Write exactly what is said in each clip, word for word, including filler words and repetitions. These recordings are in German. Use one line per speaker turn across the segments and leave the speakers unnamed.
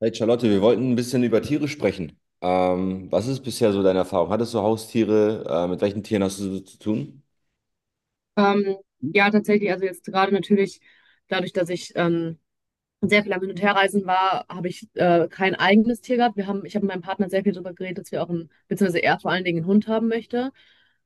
Hey Charlotte, wir wollten ein bisschen über Tiere sprechen. Ähm, was ist bisher so deine Erfahrung? Hattest du Haustiere? Äh, mit welchen Tieren hast du so zu tun?
Ähm, ja, tatsächlich, also jetzt gerade natürlich dadurch, dass ich ähm, sehr viel am Hin- und Herreisen war, habe ich äh, kein eigenes Tier gehabt. Wir haben, ich habe mit meinem Partner sehr viel darüber geredet, dass wir auch einen, beziehungsweise er vor allen Dingen einen Hund haben möchte.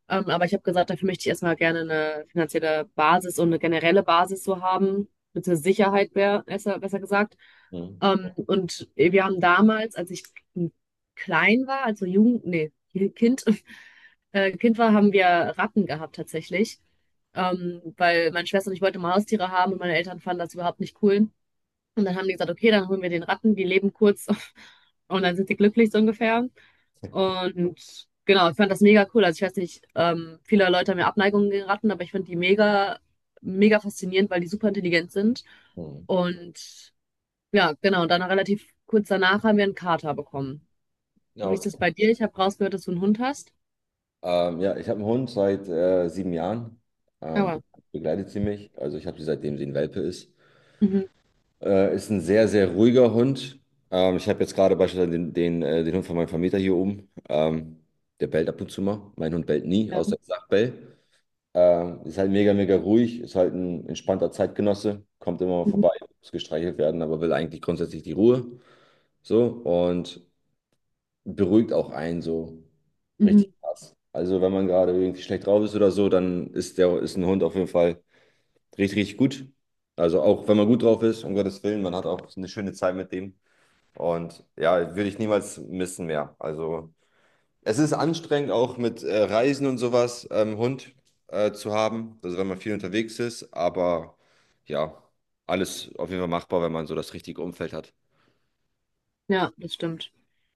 Ähm, aber ich habe gesagt, dafür möchte ich erstmal gerne eine finanzielle Basis und eine generelle Basis so haben, beziehungsweise Sicherheit wär, besser, besser gesagt.
Hm.
Ähm, und wir haben damals, als ich klein war, also Jugend, nee, Kind, äh, Kind war, haben wir Ratten gehabt tatsächlich. Ähm, weil meine Schwester und ich wollten immer Haustiere haben und meine Eltern fanden das überhaupt nicht cool. Und dann haben die gesagt, okay, dann holen wir den Ratten, die leben kurz und dann sind sie glücklich so ungefähr. Und genau, ich fand das mega cool. Also ich weiß nicht, ähm, viele Leute haben ja Abneigungen gegen Ratten, aber ich fand die mega, mega faszinierend, weil die super intelligent sind.
Hm.
Und ja, genau, und dann relativ kurz danach haben wir einen Kater bekommen.
Ja,
Wie ist
okay.
das bei dir? Ich habe rausgehört, dass du einen Hund hast.
Ähm, ja, ich habe einen Hund seit äh, sieben Jahren. Ähm, be-
Aber.
Begleitet sie mich. Also ich habe sie seitdem sie ein Welpe ist.
Mhm.
Äh, ist ein sehr, sehr ruhiger Hund. Ähm, ich habe jetzt gerade beispielsweise den, den, äh, den Hund von meinem Vermieter hier oben. Ähm, der bellt ab und zu mal. Mein Hund bellt nie,
Ja.
außer ich sage Bell. Ähm, ist halt mega, mega ruhig, ist halt ein entspannter Zeitgenosse, kommt immer mal
Mhm.
vorbei, muss gestreichelt werden, aber will eigentlich grundsätzlich die Ruhe. So und beruhigt auch einen so richtig
Mhm.
krass. Also, wenn man gerade irgendwie schlecht drauf ist oder so, dann ist der, ist ein Hund auf jeden Fall richtig, richtig gut. Also, auch wenn man gut drauf ist, um Gottes Willen, man hat auch eine schöne Zeit mit dem. Und ja, würde ich niemals missen mehr. Also, es ist anstrengend, auch mit äh, Reisen und sowas, ähm, Hund äh, zu haben, also wenn man viel unterwegs ist, aber ja, alles auf jeden Fall machbar, wenn man so das richtige Umfeld hat.
Ja, das stimmt.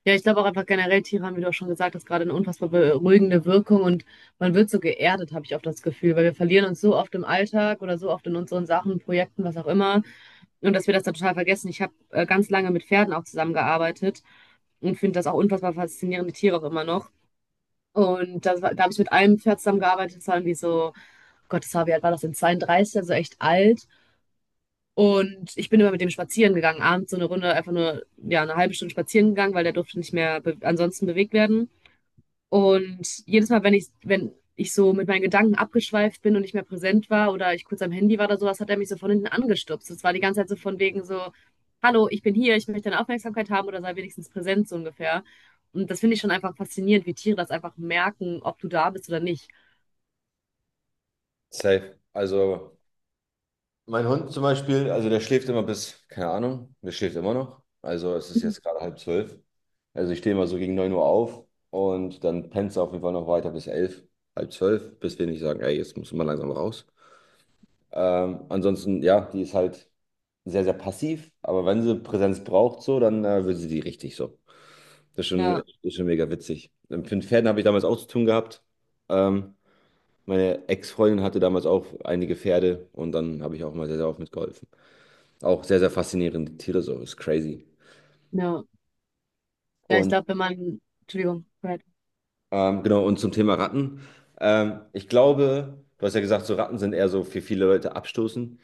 Ja, ich glaube auch einfach generell, Tiere haben, wie du auch schon gesagt hast, gerade eine unfassbar beruhigende Wirkung und man wird so geerdet, habe ich oft das Gefühl, weil wir verlieren uns so oft im Alltag oder so oft in unseren Sachen, Projekten, was auch immer. Und dass wir das dann total vergessen. Ich habe äh, ganz lange mit Pferden auch zusammengearbeitet und finde das auch unfassbar faszinierende Tiere auch immer noch. Und das, war- da habe ich mit einem Pferd zusammengearbeitet, das war irgendwie so, Gott, das war, wie alt war das denn? zweiunddreißig, also echt alt. Und ich bin immer mit dem spazieren gegangen, abends so eine Runde, einfach nur, ja, eine halbe Stunde spazieren gegangen, weil der durfte nicht mehr be ansonsten bewegt werden. Und jedes Mal, wenn ich, wenn ich so mit meinen Gedanken abgeschweift bin und nicht mehr präsent war oder ich kurz am Handy war oder sowas, hat er mich so von hinten angestupst. Das war die ganze Zeit so von wegen so, hallo, ich bin hier, ich möchte deine Aufmerksamkeit haben oder sei wenigstens präsent, so ungefähr. Und das finde ich schon einfach faszinierend, wie Tiere das einfach merken, ob du da bist oder nicht.
Safe. Also mein Hund zum Beispiel, also der schläft immer bis, keine Ahnung, der schläft immer noch. Also es ist
Mhm.
jetzt gerade halb zwölf. Also ich stehe immer so gegen neun Uhr auf und dann pennt er auf jeden Fall noch weiter bis elf, halb zwölf, bis wir nicht sagen, ey, jetzt muss man langsam raus. Ähm, ansonsten, ja, die ist halt sehr, sehr passiv, aber wenn sie Präsenz braucht, so, dann äh, will sie die richtig so. Das ist
Ja,
schon, ist schon mega witzig. Mit den Pferden habe ich damals auch zu tun gehabt. Ähm, Meine Ex-Freundin hatte damals auch einige Pferde und dann habe ich auch mal sehr, sehr oft mitgeholfen. Auch sehr, sehr faszinierende Tiere, so, ist crazy.
ja. Ja, ich
Und
glaube, wenn man, Entschuldigung, go ahead.
ähm, genau, und zum Thema Ratten. Ähm, ich glaube, du hast ja gesagt, so Ratten sind eher so für viele Leute abstoßend.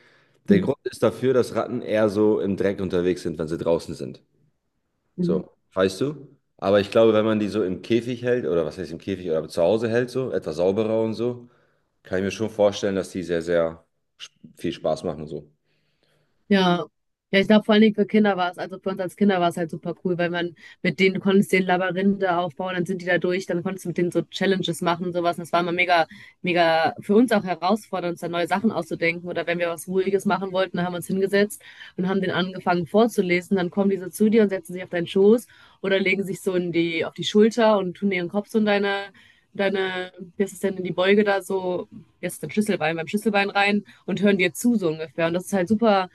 Der
Mhm.
Grund ist dafür, dass Ratten eher so im Dreck unterwegs sind, wenn sie draußen sind.
Mhm.
So, weißt du? Aber ich glaube, wenn man die so im Käfig hält, oder was heißt im Käfig, oder zu Hause hält, so, etwas sauberer und so, kann ich mir schon vorstellen, dass die sehr, sehr sp- viel Spaß machen und so.
Ja. Ja, ich glaube, vor allen Dingen für Kinder war es, also für uns als Kinder war es halt super cool, weil man mit denen, du konntest den Labyrinthe aufbauen, dann sind die da durch, dann konntest du mit denen so Challenges machen und sowas. Und das war immer mega, mega für uns auch herausfordernd, uns da neue Sachen auszudenken. Oder wenn wir was Ruhiges machen wollten, dann haben wir uns hingesetzt und haben den angefangen vorzulesen. Dann kommen die so zu dir und setzen sich auf deinen Schoß oder legen sich so in die, auf die Schulter und tun ihren Kopf so in deine, deine, wie ist es denn, in die Beuge da so, jetzt ist dein Schlüsselbein, beim Schlüsselbein rein und hören dir zu, so ungefähr. Und das ist halt super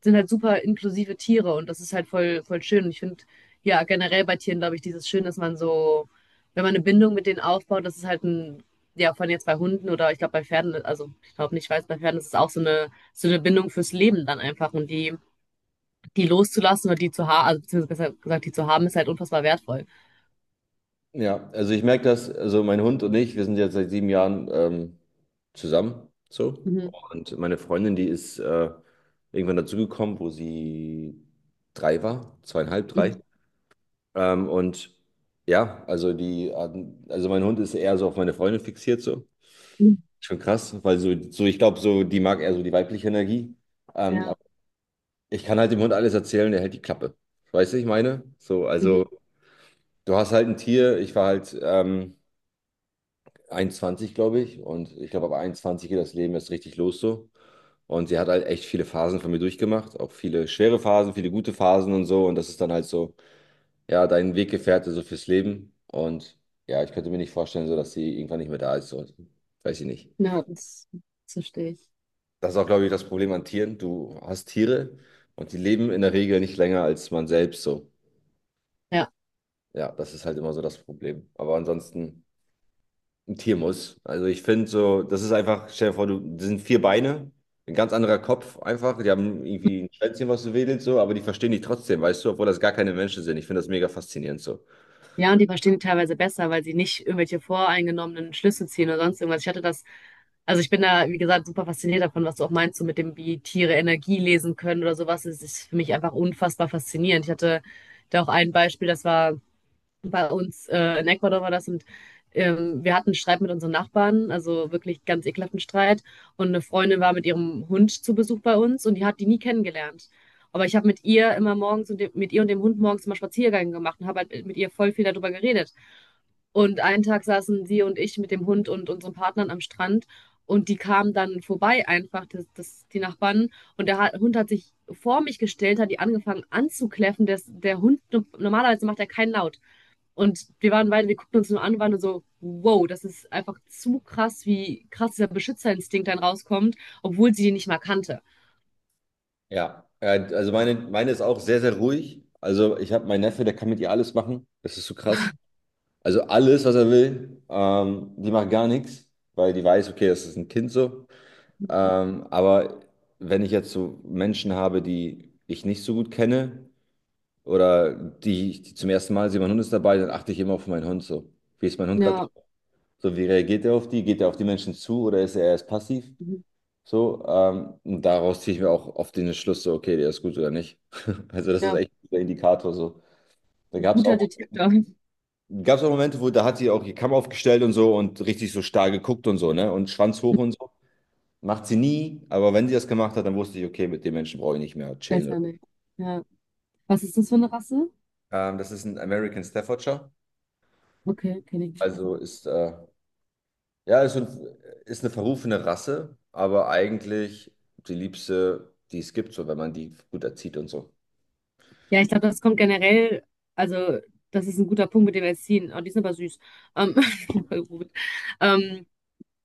sind halt super inklusive Tiere und das ist halt voll, voll schön. Und ich finde, ja, generell bei Tieren, glaube ich, dieses Schön, dass man so, wenn man eine Bindung mit denen aufbaut, das ist halt ein, ja, von jetzt bei Hunden oder ich glaube bei Pferden, also ich glaube nicht, ich weiß, bei Pferden ist es auch so eine, so eine Bindung fürs Leben dann einfach und die, die loszulassen oder die zu haben, also beziehungsweise besser gesagt, die zu haben, ist halt unfassbar wertvoll.
Ja, also ich merke das, also mein Hund und ich, wir sind jetzt seit sieben Jahren ähm, zusammen, so.
Mhm.
Und meine Freundin, die ist äh, irgendwann dazugekommen, wo sie drei war, zweieinhalb, drei.
Mhm.
Ähm, und ja, also die, hatten- also mein Hund ist eher so auf meine Freundin fixiert, so.
Mhm.
Schon krass, weil so, so ich glaube, so die mag eher so die weibliche Energie. Ähm,
Ja,
aber ich kann halt dem Hund alles erzählen, der hält die Klappe. Weißt du, ich meine? So, also
mhm.
du hast halt ein Tier, ich war halt ähm, einundzwanzig, glaube ich, und ich glaube, ab einundzwanzig geht das Leben erst richtig los so. Und sie hat halt echt viele Phasen von mir durchgemacht, auch viele schwere Phasen, viele gute Phasen und so. Und das ist dann halt so, ja, dein Weggefährte so fürs Leben. Und ja, ich könnte mir nicht vorstellen, so dass sie irgendwann nicht mehr da ist. So, weiß ich nicht.
Ja, das, das verstehe ich.
Das ist auch, glaube ich, das Problem an Tieren. Du hast Tiere und die leben in der Regel nicht länger als man selbst so.
Ja.
Ja, das ist halt immer so das Problem. Aber ansonsten, ein Tier muss. Also ich finde so, das ist einfach, stell dir vor, du, das sind vier Beine, ein ganz anderer Kopf einfach. Die haben irgendwie ein Schwänzchen, was so wedelt, so, aber die verstehen dich trotzdem, weißt du, obwohl das gar keine Menschen sind. Ich finde das mega faszinierend so.
Ja, und die verstehen die teilweise besser, weil sie nicht irgendwelche voreingenommenen Schlüsse ziehen oder sonst irgendwas. Ich hatte das, also ich bin da, wie gesagt, super fasziniert davon, was du auch meinst, so mit dem, wie Tiere Energie lesen können oder sowas. Das ist für mich einfach unfassbar faszinierend. Ich hatte da auch ein Beispiel, das war bei uns äh, in Ecuador war das und ähm, wir hatten einen Streit mit unseren Nachbarn, also wirklich ganz ekelhaften Streit. Und eine Freundin war mit ihrem Hund zu Besuch bei uns und die hat die nie kennengelernt. Aber ich habe mit ihr immer morgens und dem, mit ihr und dem Hund morgens immer Spaziergänge gemacht und habe halt mit ihr voll viel darüber geredet. Und einen Tag saßen sie und ich mit dem Hund und unseren Partnern am Strand und die kamen dann vorbei einfach, das, das, die Nachbarn. Und der Ha- Hund hat sich vor mich gestellt, hat die angefangen anzukläffen. Der, der Hund, normalerweise macht er keinen Laut. Und wir waren beide, wir guckten uns nur an und waren nur so, wow, das ist einfach zu krass, wie krass dieser Beschützerinstinkt dann rauskommt, obwohl sie die nicht mal kannte.
Ja, ja, also meine, meine ist auch sehr, sehr ruhig. Also ich habe meinen Neffe, der kann mit ihr alles machen. Das ist so krass. Also alles, was er will. Ähm, die macht gar nichts, weil die weiß, okay, das ist ein Kind so. Ähm, aber wenn ich jetzt so Menschen habe, die ich nicht so gut kenne oder die, ich- die zum ersten Mal sehe, mein Hund ist dabei, dann achte ich immer auf meinen Hund so. Wie ist mein Hund gerade
Ja,
drauf? So, wie reagiert er auf die? Geht er auf die Menschen zu oder ist er erst passiv?
mhm.
So, ähm, und daraus ziehe ich mir auch oft den Schluss so, okay, der ist gut oder nicht. Also das ist
Ja,
echt ein guter Indikator so. Da gab es
guter
auch
Detektor.
Gab es auch Momente, wo da hat sie auch ihr Kamm aufgestellt und so und richtig so starr geguckt und so, ne? Und Schwanz hoch und so. Macht sie nie, aber wenn sie das gemacht hat, dann wusste ich, okay, mit dem Menschen brauche ich nicht mehr chillen.
Besser nicht. Ja. Was ist das für eine Rasse?
Ähm, das ist ein American Staffordshire.
Okay, kenne ich nicht. Kenn ich
Also
nicht.
ist, äh, ja, ist, ein, ist eine verrufene Rasse, aber eigentlich die liebste, die es gibt, so wenn man die gut erzieht und so.
Ja, ich glaube, das kommt generell, also das ist ein guter Punkt mit dem Erziehen. Oh, die sind aber süß. Ähm, voll gut. Ähm,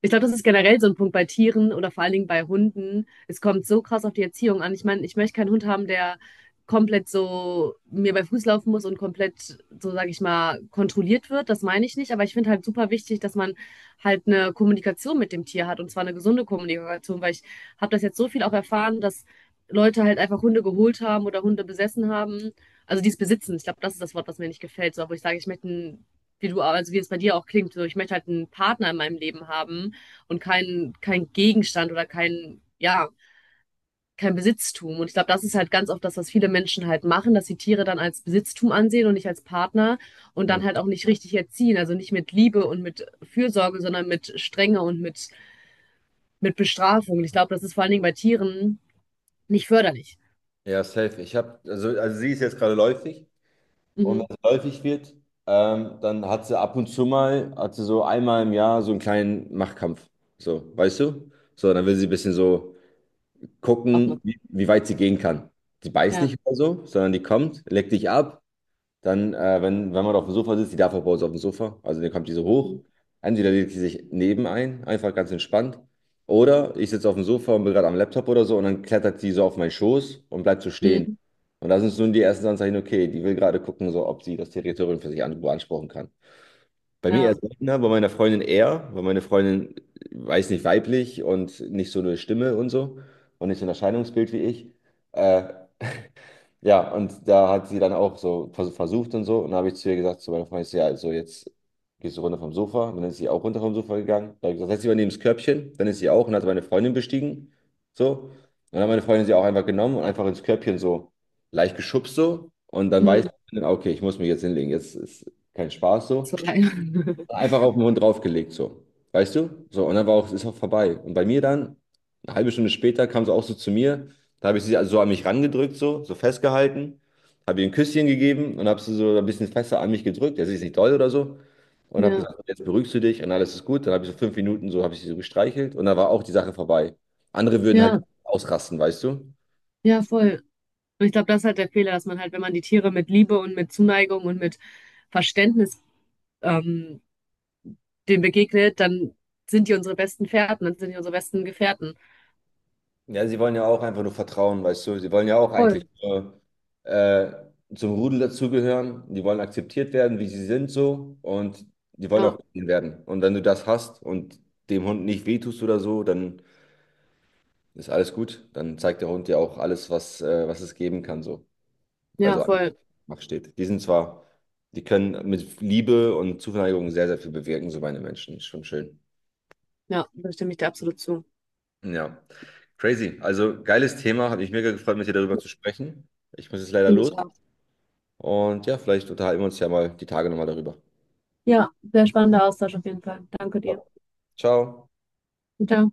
ich glaube, das ist generell so ein Punkt bei Tieren oder vor allen Dingen bei Hunden. Es kommt so krass auf die Erziehung an. Ich meine, ich möchte keinen Hund haben, der komplett so mir bei Fuß laufen muss und komplett, so sage ich mal, kontrolliert wird. Das meine ich nicht. Aber ich finde halt super wichtig, dass man halt eine Kommunikation mit dem Tier hat und zwar eine gesunde Kommunikation, weil ich habe das jetzt so viel auch erfahren, dass Leute halt einfach Hunde geholt haben oder Hunde besessen haben. Also die es besitzen. Ich glaube, das ist das Wort, was mir nicht gefällt. So, wo ich sage, ich möchte einen, wie du, also wie es bei dir auch klingt, so ich möchte halt einen Partner in meinem Leben haben und kein, kein Gegenstand oder kein, ja, kein Besitztum. Und ich glaube, das ist halt ganz oft das, was viele Menschen halt machen, dass sie Tiere dann als Besitztum ansehen und nicht als Partner und
Hm.
dann halt auch nicht richtig erziehen. Also nicht mit Liebe und mit Fürsorge, sondern mit Strenge und mit, mit Bestrafung. Und ich glaube, das ist vor allen Dingen bei Tieren nicht förderlich.
Ja, safe. Ich habe, also, also sie ist jetzt gerade läufig. Und wenn
Mhm.
es läufig wird, ähm, dann hat sie ab und zu mal, hat sie so einmal im Jahr so einen kleinen Machtkampf. So, weißt du? So, dann will sie ein bisschen so gucken,
Aufmachen.
wie, wie weit sie gehen kann. Sie beißt
Ja.
nicht oder so, sondern die kommt, leckt dich ab. Dann, äh, wenn, wenn man auf dem Sofa sitzt, die darf auch bei uns auf dem Sofa, also dann kommt die so hoch. Entweder legt sie sich neben ein, einfach ganz entspannt. Oder ich sitze auf dem Sofa und bin gerade am Laptop oder so und dann klettert sie so auf meinen Schoß und bleibt so stehen.
Mhm.
Und da sind nun die ersten Anzeichen, okay, die will gerade gucken, so, ob sie das Territorium für sich an, beanspruchen kann. Bei mir
Ja.
erst seltener, bei meiner Freundin eher, weil meine Freundin, weiß nicht, weiblich und nicht so eine Stimme und so und nicht so ein Erscheinungsbild wie ich. Äh, ja, und da hat sie dann auch so vers- versucht und so. Und dann habe ich zu ihr gesagt, zu meiner Freundin, ich so, ja, also jetzt gehst du runter vom Sofa. Und dann ist sie auch runter vom Sofa gegangen. Dann habe ich gesagt, setz dich mal neben das Körbchen. Dann ist sie auch und hat meine Freundin bestiegen. So. Und dann hat meine Freundin sie auch einfach genommen und einfach ins Körbchen so leicht geschubst so. Und dann weiß
Mhm.
ich, okay, ich muss mich jetzt hinlegen. Jetzt ist kein Spaß so.
So, ja.
Einfach auf den Hund draufgelegt, so. Weißt du? So, und dann war auch, ist auch vorbei. Und bei mir dann, eine halbe Stunde später, kam sie auch so zu mir. Da habe ich sie also so an mich rangedrückt, so, so festgehalten, habe ihr ein Küsschen gegeben und habe sie so ein bisschen fester an mich gedrückt. Also ist nicht doll oder so. Und habe
Ja.
gesagt, jetzt beruhigst du dich und alles ist gut. Dann habe ich so fünf Minuten so, habe ich sie so gestreichelt und dann war auch die Sache vorbei. Andere würden halt
Ja.
ausrasten, weißt du?
Ja, voll. Und ich glaube, das ist halt der Fehler, dass man halt, wenn man die Tiere mit Liebe und mit Zuneigung und mit Verständnis ähm, dem begegnet, dann sind die unsere besten Fährten, dann sind die unsere besten Gefährten.
Ja, sie wollen ja auch einfach nur vertrauen, weißt du. Sie wollen ja auch eigentlich
Voll.
nur äh, zum Rudel dazugehören. Die wollen akzeptiert werden, wie sie sind so. Und die wollen
Ja,
auch gesehen werden. Und wenn du das hast und dem Hund nicht wehtust oder so, dann ist alles gut. Dann zeigt der Hund dir auch alles, was, äh, was es geben kann so.
ja,
Also einfach
voll.
macht steht. Die sind zwar, die können mit Liebe und Zuneigung sehr, sehr viel bewirken, so meine Menschen. Ist schon schön.
Ja, da stimme ich dir absolut zu.
Ja, crazy. Also geiles Thema. Hat mich mega gefreut, mit dir darüber zu sprechen. Ich muss jetzt leider
Finde
los.
ich auch.
Und ja, vielleicht unterhalten wir uns ja mal die Tage nochmal darüber.
Ja, sehr spannender Austausch auf jeden Fall. Danke dir.
Ciao.
Ciao.